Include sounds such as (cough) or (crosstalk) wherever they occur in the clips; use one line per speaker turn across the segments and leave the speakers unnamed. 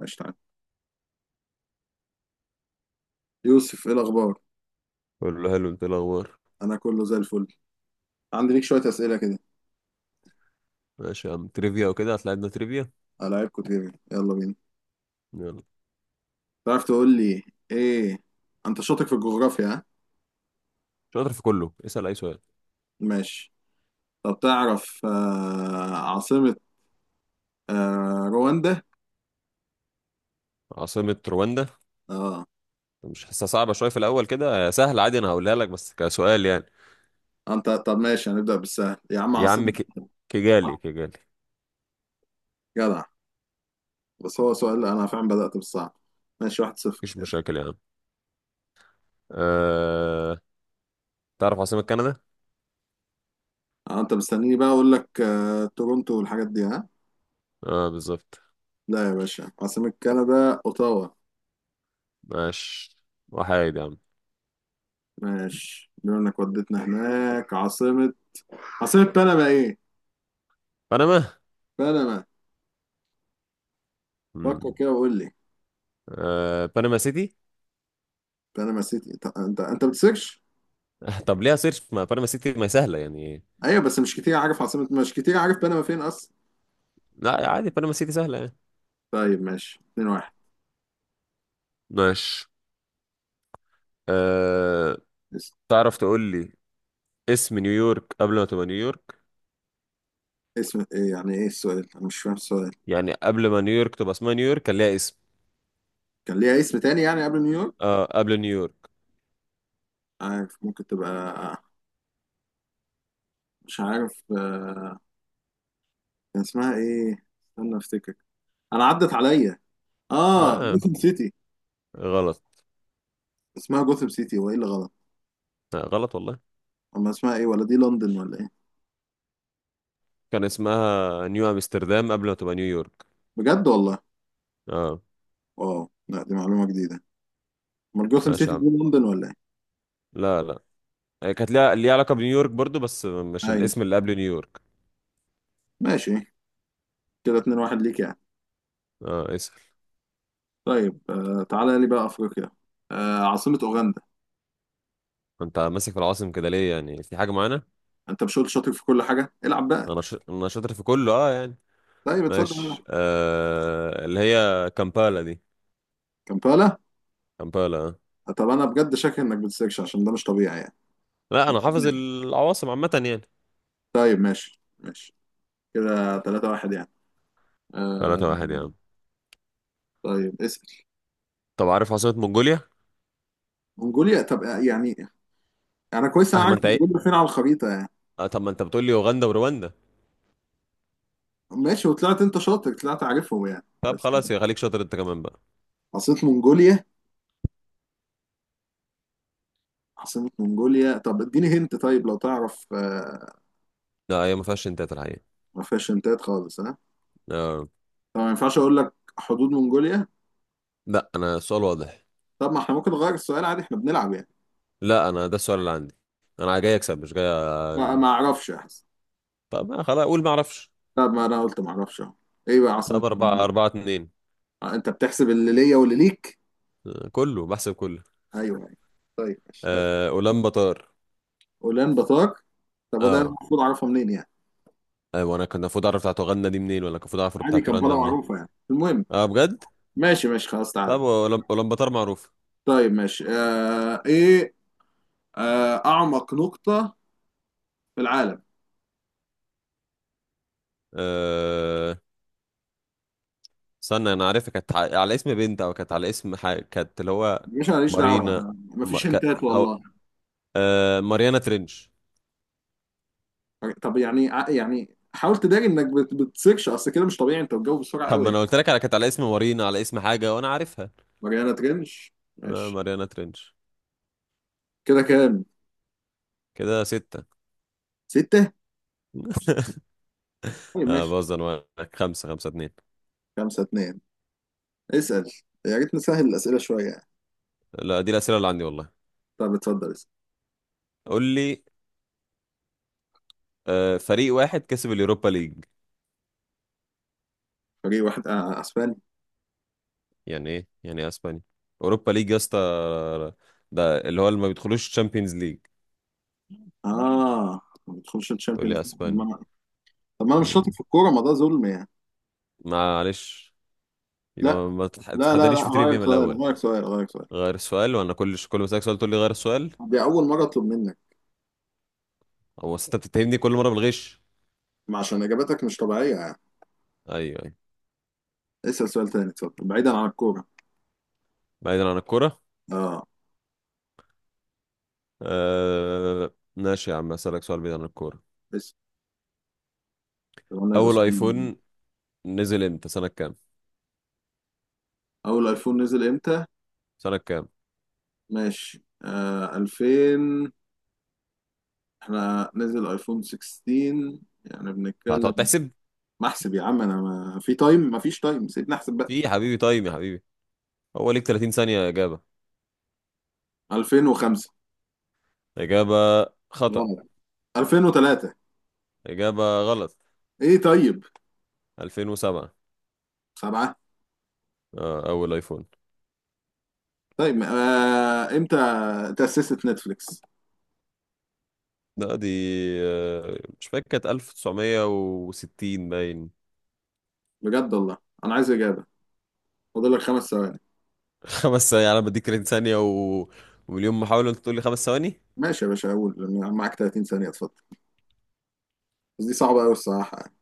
قشطة عليك. يوسف ايه الاخبار؟
بقول له حلو. انت إيه الاخبار؟
انا كله زي الفل. عندي ليك شويه اسئله كده.
ماشي يا عم، تريفيا وكده هتلاقينا تريفيا.
العيبكم تجري يلا بينا.
يلا.
تعرف تقول لي ايه؟ انت شاطر في الجغرافيا ها؟
شاطر في كله، اسال اي سؤال.
ماشي. طب تعرف عاصمه رواندا؟
عاصمة رواندا؟
اه.
مش حاسسها صعبة، شوية في الأول كده سهل عادي، أنا هقولها لك بس كسؤال يعني.
انت طب ماشي هنبدا بالسهل يا عم
يا عم
عاصمه. آه،
كيجالي كيجالي.
جدع. بس هو سؤال انا فعلا بدات بالصعب. ماشي واحد صفر.
مفيش مشاكل يا عم. أه... تعرف عاصمة كندا؟
انت مستنيني بقى اقول لك تورونتو والحاجات دي ها؟
اه، بالظبط.
لا يا باشا، عاصمه كندا اوتاوا.
ماشي، وحيد يا عم.
ماشي بما انك وديتنا هناك عاصمة، عاصمة بنما ايه؟
بنما؟
بنما. فكر
مم.
كده وقول لي.
بنما سيتي. (laughs)
بنما سيتي، انت بتسكش؟
طب ليها سيرش، ما بنما سيتي ما سهلة يعني.
ايوه بس مش كتير عارف عاصمة، مش كتير عارف بنما فين اصلا.
لا عادي، بنما سيتي سهلة يعني.
طيب ماشي 2 1.
ماشي. أه...
اس-
تعرف تقول لي اسم نيويورك قبل ما تبقى نيويورك؟
اسم ايه؟ يعني ايه السؤال؟ انا مش فاهم السؤال.
يعني قبل ما نيويورك تبقى اسمها نيويورك كان ليها اسم.
كان ليها اسم تاني يعني قبل نيويورك؟
اه، قبل نيويورك.
عارف ممكن تبقى، مش عارف آه، كان اسمها ايه؟ استنى افتكر. انا عدت عليا. اه،
ما
جوثام سيتي.
غلط.
اسمها جوثام سيتي، وايه اللي غلط؟
غلط والله.
اما اسمها ايه؟ ولا دي لندن ولا ايه؟
كان اسمها نيو امستردام قبل ما تبقى نيويورك.
بجد والله؟
اه.
اه لا دي معلومة جديدة. امال جوثام
ماشي
سيتي
يا عم.
دي لندن ولا ايه؟
لا، لا. هي كانت ليها علاقة بنيويورك برضو، بس مش
ايوه.
الاسم اللي قبل نيويورك.
ماشي. كده 2-1 ليك يعني.
اه، اسأل.
طيب آه تعالى لي بقى افريقيا، آه عاصمة اوغندا.
انت ماسك في العواصم كده ليه؟ يعني في حاجة معانا؟
انت مش قلت شاطر في كل حاجة؟ العب بقى.
انا شاطر في كله اه يعني.
طيب اتصدق يلا.
ماشي. اللي هي كامبالا دي.
كامبالا.
كامبالا.
آه، طب انا بجد شاكك انك بتسيرش عشان ده مش طبيعي يعني.
لا، انا حافظ العواصم عامة يعني.
طيب ماشي ماشي. كده 3-1 يعني. آه.
3-1 يعني.
طيب اسأل.
طب عارف عاصمة منغوليا؟
منجوليا؟ طب يعني انا كويس، انا
اه، ما
عارف
انت ايه.
منجوليا فين على الخريطة يعني.
اه، طب ما انت بتقول لي اوغندا ورواندا.
ماشي وطلعت انت شاطر، طلعت عارفهم يعني
طب
بس.
خلاص يا، خليك شاطر انت كمان بقى.
عاصمة منجوليا، عاصمة منغوليا. طب اديني هنت، طيب لو تعرف
لا، هي ما فيهاش انتات الحقيقة.
ما فيهاش هنتات خالص ها؟
آه.
طب ما ينفعش اقول لك حدود منغوليا؟
لا، انا السؤال واضح.
طب ما احنا ممكن نغير السؤال عادي، احنا بنلعب يعني.
لا، انا ده السؤال اللي عندي. انا جاي اكسب مش جاي.
ما
أ-
اعرفش احسن.
طب ما، خلاص اقول ما اعرفش.
طب ما انا قلت ما اعرفش اهو. ايه بقى عاصمة
طب أربعة،
منغوليا؟
أربعة اتنين.
آه، انت بتحسب اللي ليا واللي ليك؟
آه. كله بحسب كله.
ايوه. طيب ماشي.
آه. أولانباتار.
اولان بطاق. طب وده
اه
المفروض اعرفها منين يعني؟
ايوه، انا كان المفروض اعرف بتاعت اوغندا دي منين؟ ولا كان المفروض اعرف
عادي
بتاعت رواندا
كمبالا
منين؟
معروفة يعني، المهم.
اه، بجد.
ماشي ماشي خلاص
طب
تعالى.
أولانباتار معروف.
طيب ماشي آه ايه، آه اعمق نقطة في العالم.
آه استنى، انا عارفها كانت على اسم بنت او كانت على اسم حاجه كانت اللي هو.
مش ماليش
مارينا.
دعوه.
ما...
مفيش
ك...
هنتات
هو...
والله.
ماريانا ترينش.
طب يعني يعني حاول تداري انك بتسيرش، اصل كده مش طبيعي، انت بتجاوب بسرعه
طب
قوي
ما
يعني.
انا قلت لك على كانت على اسم مارينا، على اسم حاجه، وانا عارفها.
ماريانا ترنش. ماشي
ماريانا ترينش.
كده كام؟
كده ستة.
سته.
(laughs)
طيب ماشي.
بهزر معاك. خمسة، خمسة اتنين.
خمسه اتنين. اسال. يا ريت نسهل الاسئله شويه يعني.
لا، دي الأسئلة اللي عندي والله.
طب اتفضل اسال.
قول لي. فريق واحد كسب اليوروبا ليج.
فريق واحد آه اسباني.
يعني ايه اسبانيا؟ اوروبا ليج يا اسطى. ده اللي هو اللي ما بيدخلوش تشامبيونز ليج.
اه، ما بتدخلش
تقول
الشامبيونز
لي
ليج. طب ما
اسبانيا.
انا، طب ما أنا مش شاطر
مم.
في الكوره، ما ده ظلم يعني.
معلش.
لا
يبقى ما تح- تحدانيش
لا،
في تريفيا
غير
من
سؤال،
الاول.
غير سؤال، غير سؤال.
غير السؤال، وانا كل كل ما اسالك سؤال تقول لي غير السؤال.
دي اول مره اطلب منك.
او أصل انت بتتهمني كل مره بالغش.
ما عشان اجاباتك مش طبيعيه يعني.
ايوه، ايوه.
اسال سؤال تاني اتفضل، بعيدا عن الكوره.
بعيدا عن الكوره.
اه
ماشي يا عم، اسالك سؤال بعيد عن الكوره.
بس قلنا يبقى
اول
سؤال.
ايفون نزل امتى؟ سنه كام؟
اول ايفون نزل امتى؟
سنه كام؟
ماشي آه 2000. احنا نزل ايفون 16 يعني بنتكلم.
هتقعد تحسب؟
ما احسب يا عم انا، ما في تايم، ما فيش تايم، سيبني احسب بقى.
في إيه يا حبيبي؟ تايم يا حبيبي؟ هو ليك 30 ثانيه اجابه.
2005.
اجابه خطا.
غلط. 2003.
اجابه غلط.
ايه طيب.
2007.
سبعة.
اول ايفون.
طيب آه امتى تأسست نتفليكس؟
لا دي. مش فاكر، كانت 1960 باين.
بجد والله؟ انا عايز اجابة. فاضل لك خمس ثواني.
خمس ثواني؟ يعني أنا بديك 30 ثانية و... ومليون محاولة أنت تقول لي خمس ثواني؟
ماشي يا باشا اقول. معاك 30 ثانية اتفضل. بس دي صعبة قوي الصراحة يعني.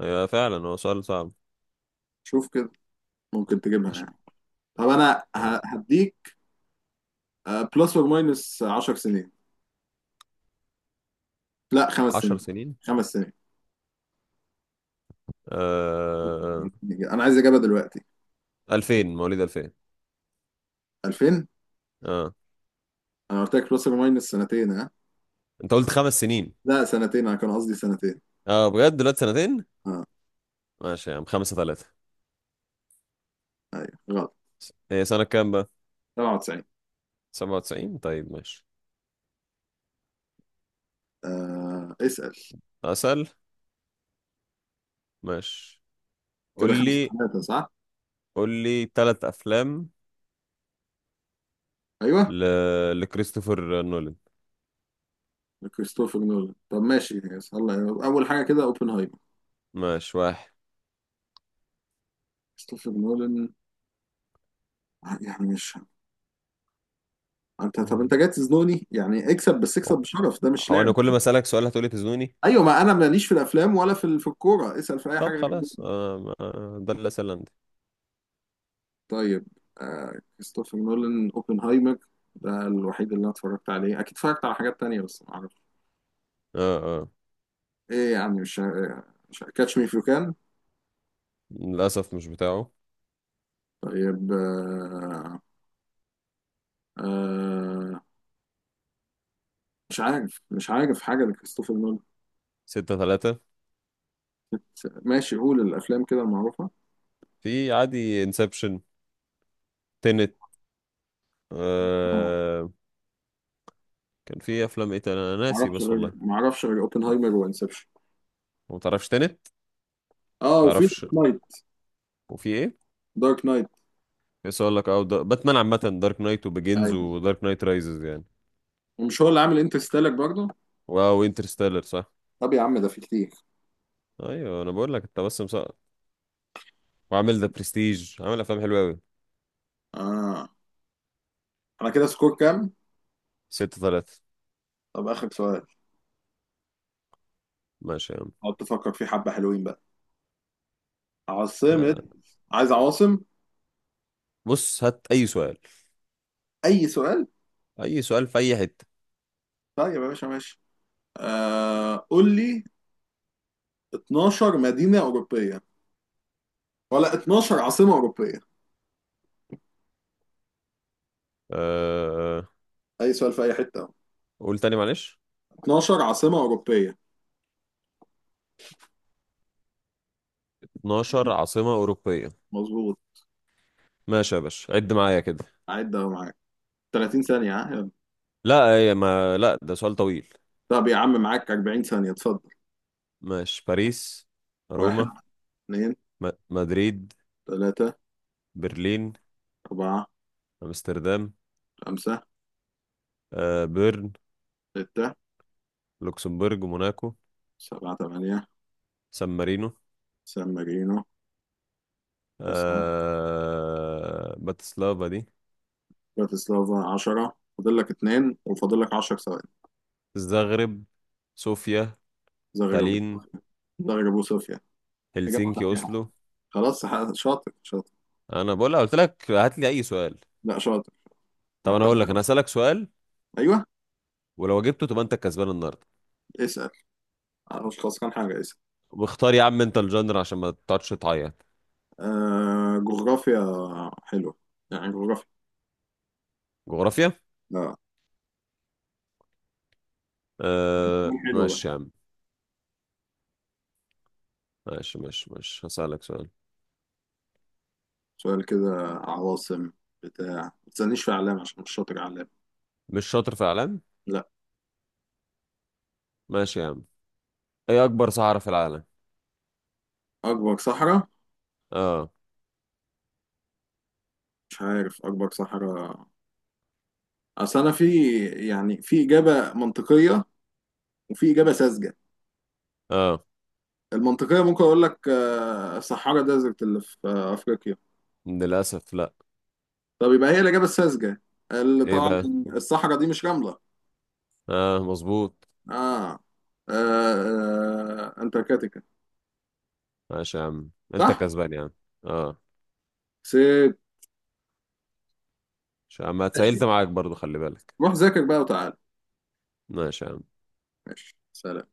أيوة فعلا، هو سؤال صعب.
شوف كده، ممكن تجيبها
عش...
يعني. طب انا
آه،
هديك بلس اور ماينس 10 سنين. لا خمس
عشر
سنين.
سنين
خمس سنين.
آه...
انا عايز اجابه دلوقتي.
2000. مواليد 2000.
2000.
اه،
انا قلت لك بلس اور ماينس سنتين ها.
أنت قلت 5 سنين.
لا سنتين، انا كان قصدي سنتين.
اه بجد، دلوقتي سنتين؟
اه.
ماشي يا عم. 5-3.
ايوه غلط.
هي سنة كام بقى؟
97.
97؟ طيب ماشي.
آه اسال.
أسأل. ماشي، قول
كده خمسة
لي.
ثلاثة صح؟
قول لي 3 أفلام
ايوه.
ل... لكريستوفر نولان.
كريستوفر نولان؟ طب ماشي يس. الله. اول حاجه كده اوبنهايمر.
ماشي، واحد.
كريستوفر نولان يعني مش، انت طب انت
أيوة.
جاي تزنوني يعني؟ اكسب بس اكسب
هو
بشرف، ده مش
هو
لعب.
أنا كل ما أسألك سؤال هتقولي تزنوني؟
ايوه ما انا ماليش في الافلام ولا في الكوره، اسال في اي حاجه
طب
غير
خلاص.
دول.
ده اللي سألندي.
طيب آه كريستوفر نولان اوبنهايمر، ده الوحيد اللي انا اتفرجت عليه، اكيد اتفرجت على حاجات تانية بس ما اعرفش.
آه آه
ايه يعني مش، مش كاتش مي فيو كان؟
للأسف مش بتاعه.
طيب آه مش عارف، مش عارف حاجه لكريستوفر نولان.
6-3.
ماشي قول الافلام كده المعروفه.
في عادي انسبشن. تنت.
آه،
آه كان في أفلام إيه تاني؟ أنا
ما
ناسي
اعرفش
بس
غير،
والله.
ما اعرفش غير اوبنهايمر وانسبشن.
ما تعرفش تنت.
اه وفي
تعرفش.
دارك نايت.
وفي إيه؟
دارك نايت.
بس أقول لك باتمان عامة، دارك نايت وبيجينز
ايوه.
ودارك نايت رايزز يعني.
ومش هو اللي عامل انترستيلر برضه؟
واو، انترستيلر صح.
طب يا عم ده في كتير.
أيوه، أنا بقول لك أنت بس مسقط. وعامل ذا برستيج، عامل أفلام حلوة أوي.
آه. انا كده سكور كام؟
6-3.
طب اخر سؤال.
ماشي يا عم.
اقعد تفكر فيه حبه حلوين بقى. عاصمه.
آه.
عايز عواصم.
بص هات أي سؤال.
اي سؤال.
أي سؤال في أي حتة.
طيب يا باشا ماشي. قول لي 12 مدينه اوروبيه، ولا 12 عاصمه اوروبيه.
آه. آه.
اي سؤال في اي حته اهو.
قول تاني معلش.
12 عاصمه اوروبيه.
12 عاصمة أوروبية.
مظبوط.
ماشي يا باشا، عد معايا كده.
عد اهو معاك. 30 ثانيه ها يلا.
لا، هي ما، لا ده سؤال طويل.
طب يا عم معاك 40 ثانيه اتفضل.
ماشي. باريس.
واحد.
روما.
اثنين.
مدريد.
ثلاثه.
برلين.
اربعه.
أمستردام.
خمسه.
بيرن.
سته.
لوكسمبورغ، موناكو.
سبعه ثمانيه.
سان مارينو.
سان مارينو. تسعه.
باتسلافا دي.
براتسلافا 10. فاضل لك اتنين وفاضل لك 10 ثواني.
الزغرب. صوفيا.
زغربوب.
تالين.
زغربوب صوفيا. إجابة
هلسنكي،
صحيحة.
أوسلو.
خلاص شاطر شاطر.
أنا بقول، قلت لك هات لي أي سؤال.
لا شاطر.
طب أنا
محتاج
هقول لك،
منك.
أنا هسألك سؤال.
أيوه.
ولو جبته تبقى أنت الكسبان النهاردة.
اسأل. أنا مش خسران حاجة، اسأل.
واختار يا عم انت الجندر، عشان ما تقعدش تعيط.
آه جغرافيا. حلوة يعني جغرافيا.
جغرافيا.
لا. سؤال حلو بقى.
ماشي يا عم. ماشي، ماشي، ماشي، هسألك سؤال.
سؤال كده عواصم بتاع، ما تسألنيش في أعلام عشان مش شاطر أعلام.
مش شاطر في اعلام.
لا.
ماشي يا عم. ايه اكبر صحراء في العالم؟
أكبر صحراء؟
اه.
مش عارف أكبر صحراء. أصل أنا في، يعني في إجابة منطقية وفي إجابة ساذجة.
اه
المنطقية ممكن أقول لك آه، صحارى ديزرت اللي في آه، أفريقيا.
للاسف، لا.
طب يبقى هي الإجابة الساذجة، اللي
ايه
طبعا
بقى؟
الصحراء دي مش رملة.
اه، مظبوط.
آه, آه, آه أنتاركتيكا.
ماشي يا عم، انت
صح؟
كسبان يا عم. اه.
سيب.
ماشي يا عم،
ماشي.
اتسألت معاك برضو، خلي بالك.
روح ذاكر بقى وتعال.
ماشي يا عم.
ماشي سلام.